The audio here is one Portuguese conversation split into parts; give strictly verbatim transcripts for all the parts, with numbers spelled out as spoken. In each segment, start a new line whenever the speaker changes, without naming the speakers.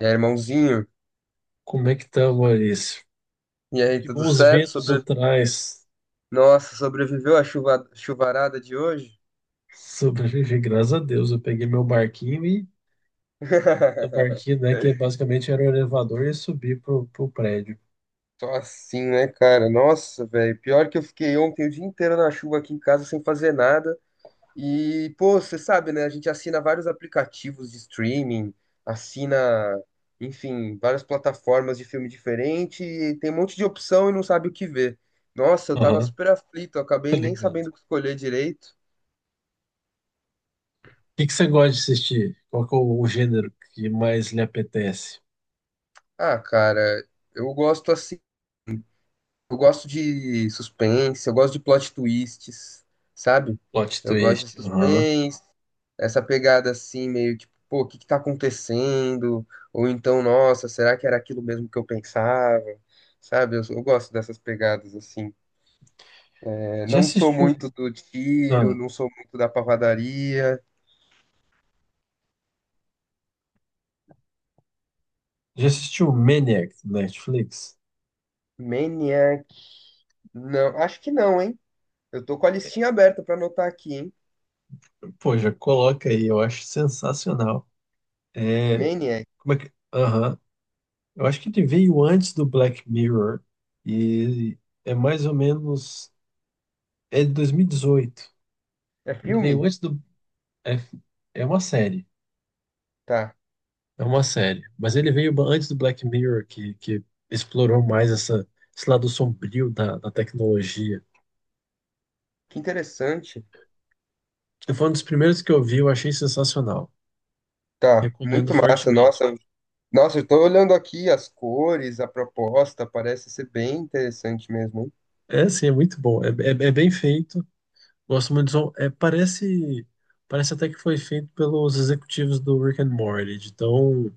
E aí, irmãozinho?
Como é que tá, Maurício?
E aí,
Que
tudo
bons
certo?
ventos
Sobre...
atrás.
Nossa, sobreviveu à chuva... chuvarada de hoje?
Sobrevivi, graças a Deus. Eu peguei meu barquinho e meu barquinho, né, que é basicamente era o elevador e subi pro, pro prédio.
Só assim, né, cara? Nossa, velho. Pior que eu fiquei ontem o dia inteiro na chuva aqui em casa sem fazer nada. E, pô, você sabe, né? A gente assina vários aplicativos de streaming, assina, enfim, várias plataformas de filme diferente e tem um monte de opção e não sabe o que ver. Nossa, eu tava
Aham,
super aflito, eu
tá
acabei nem
ligado.
sabendo o que escolher direito.
O que que você gosta de assistir? Qual que é o gênero que mais lhe apetece?
Ah, cara, eu gosto assim. Eu gosto de suspense, eu gosto de plot twists, sabe?
Plot
Eu gosto de
twist. Aham.
suspense, essa pegada assim, meio tipo, pô, o que que tá acontecendo? Ou então, nossa, será que era aquilo mesmo que eu pensava? Sabe? Eu, eu gosto dessas pegadas assim. É,
Já
não sou
assistiu?
muito do tiro,
Ah,
não sou muito da pavadaria.
já assistiu Maniac no Netflix?
Maniac. Não, acho que não, hein? Eu tô com a listinha aberta pra anotar aqui, hein?
Pô, já coloca aí, eu acho sensacional. É,
Maniac.
como é que. Aham. Eu acho que ele veio antes do Black Mirror e é mais ou menos. É de dois mil e dezoito.
É
Ele veio
filme?
antes do. É, é uma série.
Tá.
É uma série. Mas ele veio ba- antes do Black Mirror, que, que explorou mais essa, esse lado sombrio da, da tecnologia.
Que interessante.
Foi um dos primeiros que eu vi, eu achei sensacional.
Tá, muito
Recomendo
massa.
fortemente.
Nossa, nossa, eu tô olhando aqui as cores, a proposta, parece ser bem interessante mesmo, hein?
É, sim, é muito bom. É, é, é bem feito. Gosto muito do som. É, parece, parece até que foi feito pelos executivos do Rick and Morty, de tão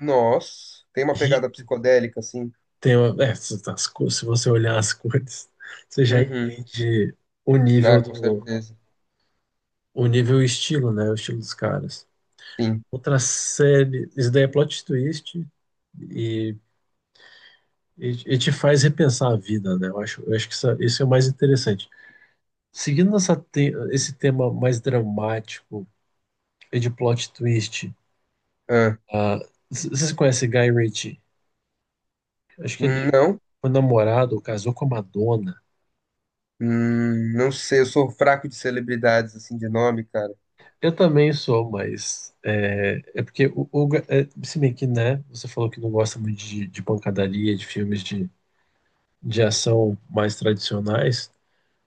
Nossa, tem uma pegada
rico,
psicodélica, assim.
tem uma- é, se as cor- se você olhar as cores, você já
Uhum.
entende o
Ah,
nível
com
do,
certeza.
o nível e o estilo, né? O estilo dos caras.
Sim.
Outra série, isso daí é plot twist e, e, e te faz repensar a vida, né? Eu acho, eu acho que isso, é, isso é o mais interessante. Seguindo essa te- esse tema mais dramático e de plot twist,
Ah,
ah, c- vocês conhecem Guy Ritchie? Acho que ele
não?
foi namorado, casou com a Madonna.
Hum, não sei, eu sou fraco de celebridades, assim, de nome, cara.
Eu também sou, mas é, é porque o, o ga- é, se bem que, né, você falou que não gosta muito de, de pancadaria, de filmes de, de ação mais tradicionais.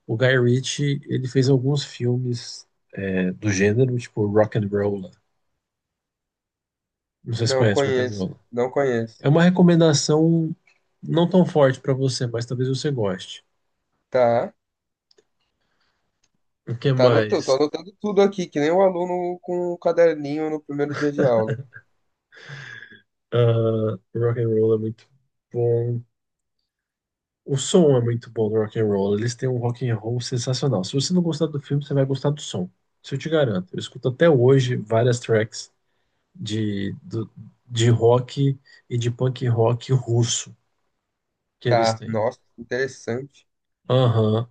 O Guy Ritchie, ele fez alguns filmes é, do gênero, tipo Rock'n'Rolla. Não sei se
Não
conhece
conheço,
Rock'n'Rolla.
não conheço.
É uma recomendação não tão forte pra você, mas talvez você goste.
Tá,
O que
tá anotando, tô
mais?
anotando tudo aqui, que nem o aluno com o caderninho no primeiro dia de aula.
Ah, Rock'n'Rolla é muito bom. O som é muito bom do rock and roll. Eles têm um rock and roll sensacional. Se você não gostar do filme, você vai gostar do som. Isso eu te garanto. Eu escuto até hoje várias tracks de, do- de rock e de punk rock russo que eles
Tá,
têm.
nossa, interessante.
Aham.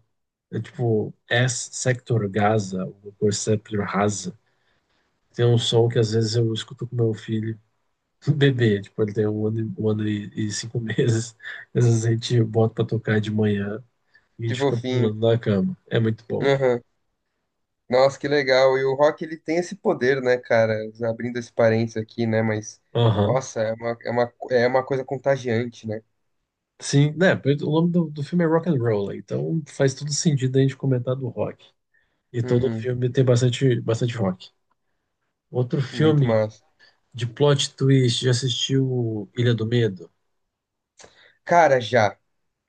É tipo S Sector Gaza, o Perceptor Rasa. Tem um som que às vezes eu escuto com meu filho bebê. Tipo, ele tem um ano, e- um ano e, e cinco meses. Às vezes a gente bota pra tocar de manhã e a
Que
gente fica
fofinho.
pulando na cama. É muito bom.
Nossa, que legal. E o rock, ele tem esse poder, né, cara? Abrindo esse parênteses aqui, né? Mas,
Aham.
nossa, é uma, é uma, é uma coisa contagiante, né?
Sim, né? Pois o nome do, do filme é Rock and Roll, né, então faz todo sentido a gente comentar do rock. E todo
Uhum,
filme tem bastante, bastante rock. Outro
muito
filme
massa.
de plot twist, já assistiu Ilha do Medo?
Cara, já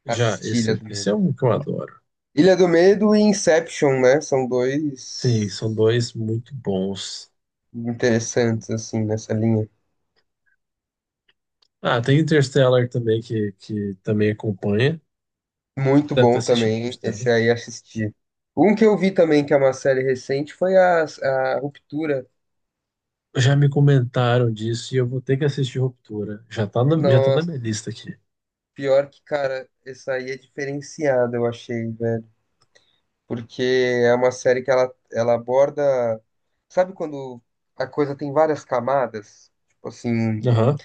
Já,
assisti Ilha
esse,
do
esse é
Medo.
um que eu adoro.
Ilha do Medo e Inception, né? São
Sim,
dois
são dois muito bons.
interessantes, assim, nessa linha.
Ah, tem Interstellar também, que, que também acompanha.
Muito
Deve ter
bom
assistido
também, esse
Interstellar.
aí assisti. Um que eu vi também, que é uma série recente, foi a, a Ruptura.
Já me comentaram disso e eu vou ter que assistir Ruptura. Já tá na, já tá na
Nossa,
minha lista aqui.
pior que, cara, essa aí é diferenciada, eu achei, velho. Porque é uma série que ela, ela aborda. Sabe quando a coisa tem várias camadas? Tipo assim,
Aham,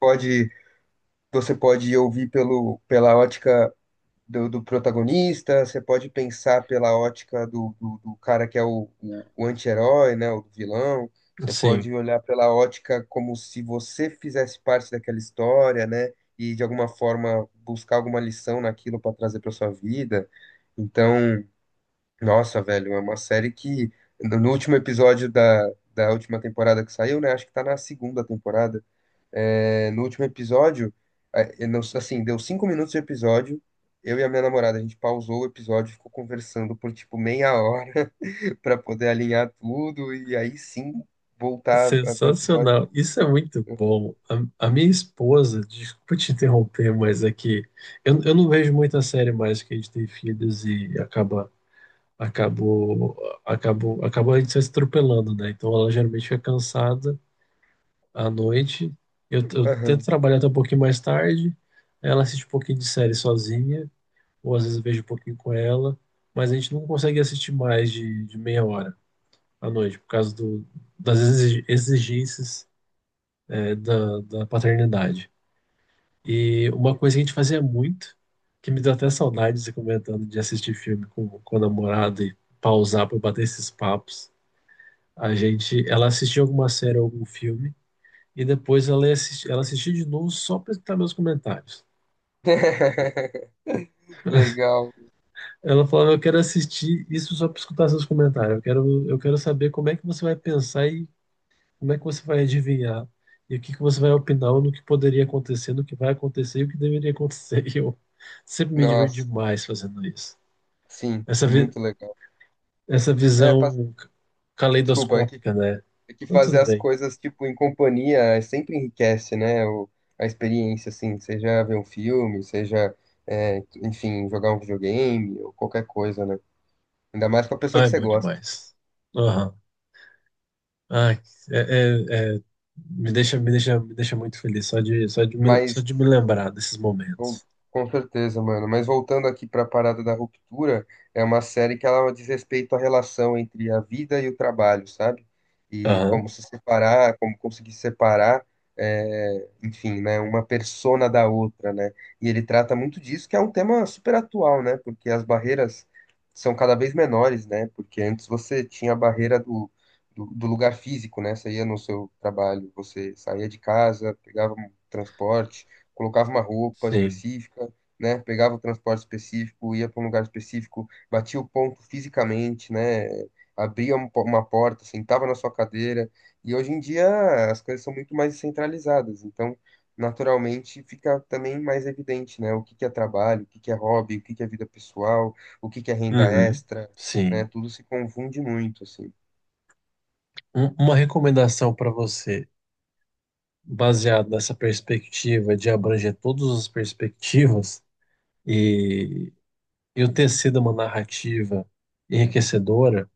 pode, você pode ouvir pelo, pela ótica do, do protagonista, você pode pensar pela ótica do, do, do cara que é o, o, o anti-herói, né, o vilão. Você
sim.
pode olhar pela ótica como se você fizesse parte daquela história, né? E de alguma forma buscar alguma lição naquilo para trazer para sua vida. Então. Nossa, velho, é uma série que no no último episódio da, da última temporada que saiu, né? Acho que tá na segunda temporada. É, no último episódio, é, eu não- assim, deu cinco minutos de episódio. Eu e a minha namorada, a gente pausou o episódio, e ficou conversando por tipo meia hora pra poder alinhar tudo e aí sim voltar a ver o episódio.
Sensacional. Isso é muito bom. A, a minha esposa, desculpa te interromper, mas é que eu, eu não vejo muita série mais que a gente tem filhos e acaba, acabou, acabou, acabou a gente se atropelando, né? Então ela geralmente fica cansada à noite. Eu, eu tento
Aham.
trabalhar até um pouquinho mais tarde. Ela assiste um pouquinho de série sozinha, ou às vezes eu vejo um pouquinho com ela, mas a gente não consegue assistir mais de, de meia hora à noite, por causa do, das exi- exigências é, da, da paternidade. E uma coisa que a gente fazia muito, que me deu até saudade de você comentando de assistir filme com, com a namorada e pausar para bater esses papos. A gente, ela assistia alguma série ou algum filme e depois ela ia assisti- ela assistia de novo só para escutar meus comentários.
Legal.
Ela falava, eu quero assistir isso só para escutar seus comentários. Eu quero, eu quero saber como é que você vai pensar e como é que você vai adivinhar? E o que que você vai opinar no que poderia acontecer, no que vai acontecer e o que deveria acontecer? E eu sempre me divirto
Nossa,
demais fazendo isso.
sim,
Essa, vi-
muito legal.
essa
É, pas-
visão c-
desculpa, é que
caleidoscópica, né?
É que
Então,
fazer
tudo
as
bem.
coisas, tipo, em companhia é, sempre enriquece, né? O, a experiência, assim, seja ver um filme, seja, é, enfim, jogar um videogame ou qualquer coisa, né? Ainda mais com a pessoa que
Ai,
você
bom
gosta.
demais. Aham. Ai, é, é- é- me deixa, me deixa, me deixa muito feliz só de, só de me, só
Mas
de me lembrar desses
Bom,
momentos.
com certeza, mano. Mas voltando aqui pra parada da ruptura, é uma série que ela diz respeito à relação entre a vida e o trabalho, sabe? E
Aham,
como se separar, como conseguir separar, é, enfim, né, uma persona da outra, né? E ele trata muito disso, que é um tema super atual, né? Porque as barreiras são cada vez menores, né? Porque antes você tinha a barreira do, do, do lugar físico, né? Você ia no seu trabalho, você saía de casa, pegava um transporte colocava uma roupa
sim.
específica, né? Pegava o transporte específico, ia para um lugar específico, batia o ponto fisicamente, né? Abria um po- uma porta, sentava na sua cadeira. E hoje em dia as coisas são muito mais centralizadas, então naturalmente fica também mais evidente, né? O que que é trabalho, o que que é hobby, o que que é vida pessoal, o que que é renda
Uhum,
extra, né?
sim.
Tudo se confunde muito, assim.
Um- uma recomendação para você. Baseado nessa perspectiva de abranger todas as perspectivas e, e o tecido uma narrativa enriquecedora.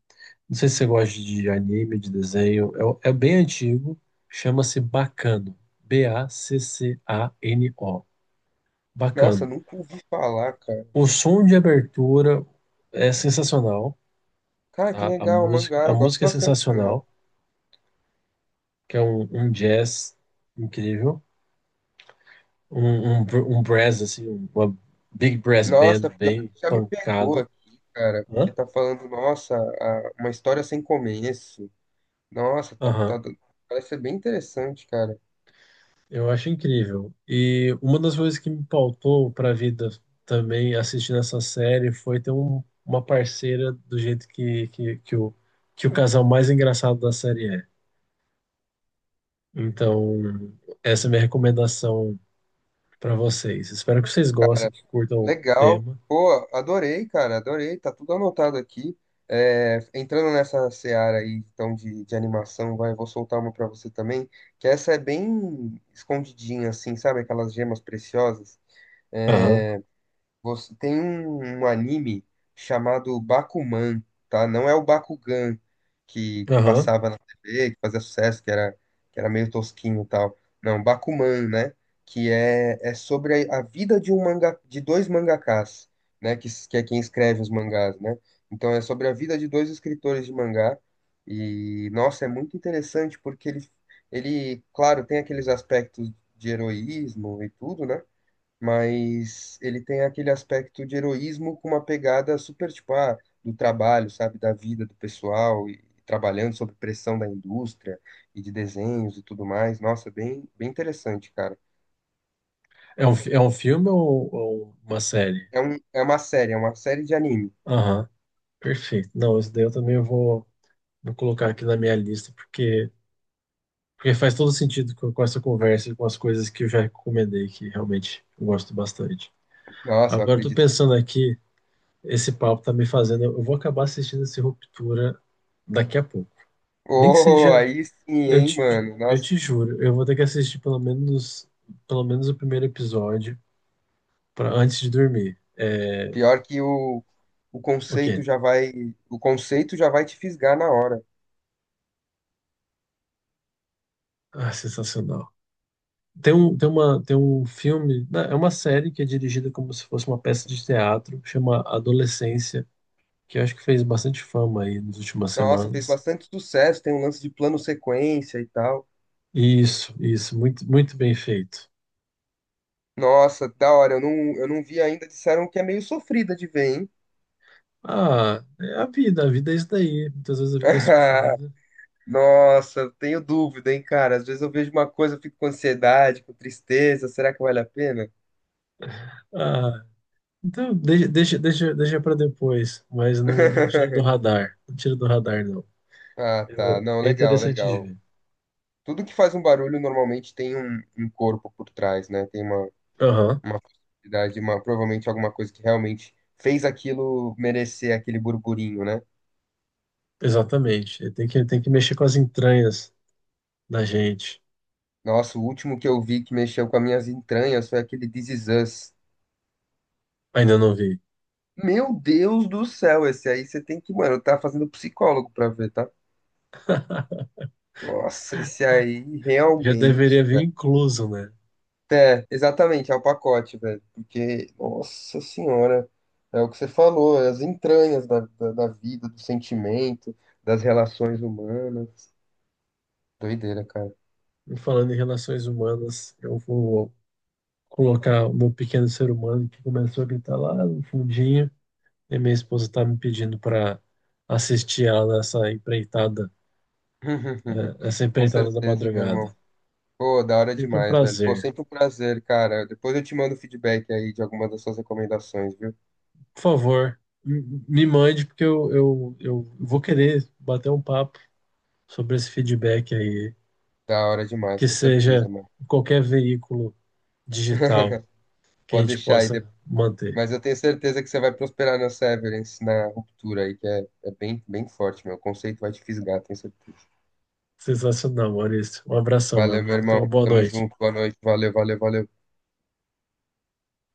Não sei se você gosta de anime, de desenho, é, é bem antigo, chama-se Bacano, B A C C A N O,
Nossa,
Bacano.
nunca ouvi falar, cara.
O som de abertura é sensacional,
Cara, que
tá? A
legal,
música,
mangá.
a
Eu gosto
música é
bastante de mangá.
sensacional, que é um, um jazz incrível. Um, um, br- um brass, assim, uma big brass band
Nossa, pior
bem
que já me pegou
pancada.
aqui, cara, que
Hã?
tá falando, nossa, a- uma história sem começo. Nossa, tá,
Aham.
tá, parece ser bem interessante, cara.
Eu acho incrível. E uma das coisas que me pautou para a vida também assistindo essa série foi ter um- uma parceira do jeito que, que, que o, que o casal mais engraçado da série é. Então, essa é a minha recomendação para vocês. Espero que vocês gostem,
Cara,
que curtam o
legal.
tema.
Pô, adorei, cara, adorei. Tá tudo anotado aqui. É, entrando nessa seara aí, então, de, de animação, vai, vou soltar uma pra você também, que essa é bem escondidinha, assim, sabe? Aquelas gemas preciosas.
Aham,
É, Você tem um, um anime chamado Bakuman, tá? Não é o Bakugan que, que
aham.
passava na T V, que fazia sucesso, que era, que era meio tosquinho e tal. Não, Bakuman, né? Que é, é sobre a, a vida de um manga, de dois mangakás, né? Que, s- que é quem escreve os mangás, né? Então é sobre a vida de dois escritores de mangá. E, nossa, é muito interessante porque ele, ele, claro, tem aqueles aspectos de heroísmo e tudo, né? Mas ele tem aquele aspecto de heroísmo com uma pegada super, tipo, ah, do trabalho, sabe, da vida do pessoal, e trabalhando sob pressão da indústria e de desenhos e tudo mais. Nossa, bem, bem interessante, cara.
É um, fi- é um filme ou, ou uma série?
É um, é uma série, é uma série de anime.
Aham. Perfeito. Não, isso daí eu também vou, vou colocar aqui na minha lista, porque, porque faz todo sentido com, com essa conversa e com as coisas que eu já recomendei, que realmente eu gosto bastante.
Nossa, eu
Agora, eu tô
acredito que.
pensando aqui, esse papo tá me fazendo, eu vou acabar assistindo esse Ruptura daqui a pouco. Nem que
Oh,
seja,
aí sim,
eu
hein,
te,
mano.
eu
Nossa,
te juro, eu vou ter que assistir pelo menos, pelo menos o primeiro episódio para antes de dormir. É,
pior que o, o
ok.
conceito já vai, o conceito já vai te fisgar na hora.
Ah, sensacional. Tem um, tem uma, tem um filme, né, é uma série que é dirigida como se fosse uma peça de teatro, chama Adolescência, que eu acho que fez bastante fama aí nas últimas
Nossa, fez
semanas.
bastante sucesso, tem um lance de plano sequência e tal.
Isso, isso, muito, muito bem feito.
Nossa, da hora. Eu não, eu não vi ainda. Disseram que é meio sofrida de ver, hein?
Ah, é a vida, a vida é isso daí. Muitas vezes a vida é sofrida.
Nossa, eu tenho dúvida, hein, cara. Às vezes eu vejo uma coisa, eu fico com ansiedade, com tristeza. Será que vale a pena?
Ah, então deixa, deixa, deixa, deixa para depois, mas não, não tira do radar. Não tira do radar, não.
Ah, tá.
Eu-
Não,
é
legal,
interessante de
legal.
ver.
Tudo que faz um barulho normalmente tem um, um corpo por trás, né? Tem uma,
Aham,
uma possibilidade, uma, provavelmente alguma coisa que realmente fez aquilo merecer aquele burburinho, né?
exatamente. Tem que, tem que mexer com as entranhas da gente.
Nossa, o último que eu vi que mexeu com as minhas entranhas foi aquele This Is Us.
Ainda não vi.
Meu Deus do céu, esse aí você tem que, mano, tá fazendo psicólogo pra ver, tá? Nossa, esse aí
Já
realmente,
deveria vir
velho.
incluso, né?
É, exatamente, é o pacote, velho. Porque, nossa senhora, é o que você falou, é as entranhas da, da, da vida, do sentimento, das relações humanas. Doideira, cara.
E falando em relações humanas, eu vou colocar o meu pequeno ser humano que começou a gritar lá no fundinho, e minha esposa está me pedindo para assistir ela nessa empreitada, eh, essa
Com
empreitada da
certeza, meu irmão.
madrugada.
Pô, da hora
Sempre um
demais, velho. Pô,
prazer.
sempre um prazer, cara. Depois eu te mando feedback aí de algumas das suas recomendações, viu?
Por favor, m- me mande, porque eu, eu, eu vou querer bater um papo sobre esse feedback aí,
Da hora demais,
que
com certeza,
seja
mano.
em qualquer veículo digital que a
Pode
gente
deixar aí.
possa manter.
Mas eu tenho certeza que você vai prosperar na Severance, na ruptura aí, que é, é bem, bem forte, meu. O conceito vai te fisgar, tenho certeza.
Sensacional, Maurício. Um abração, meu
Valeu, meu
amigo. Tenha uma
irmão.
boa
Tamo
noite.
junto. Boa noite. Valeu, valeu, valeu.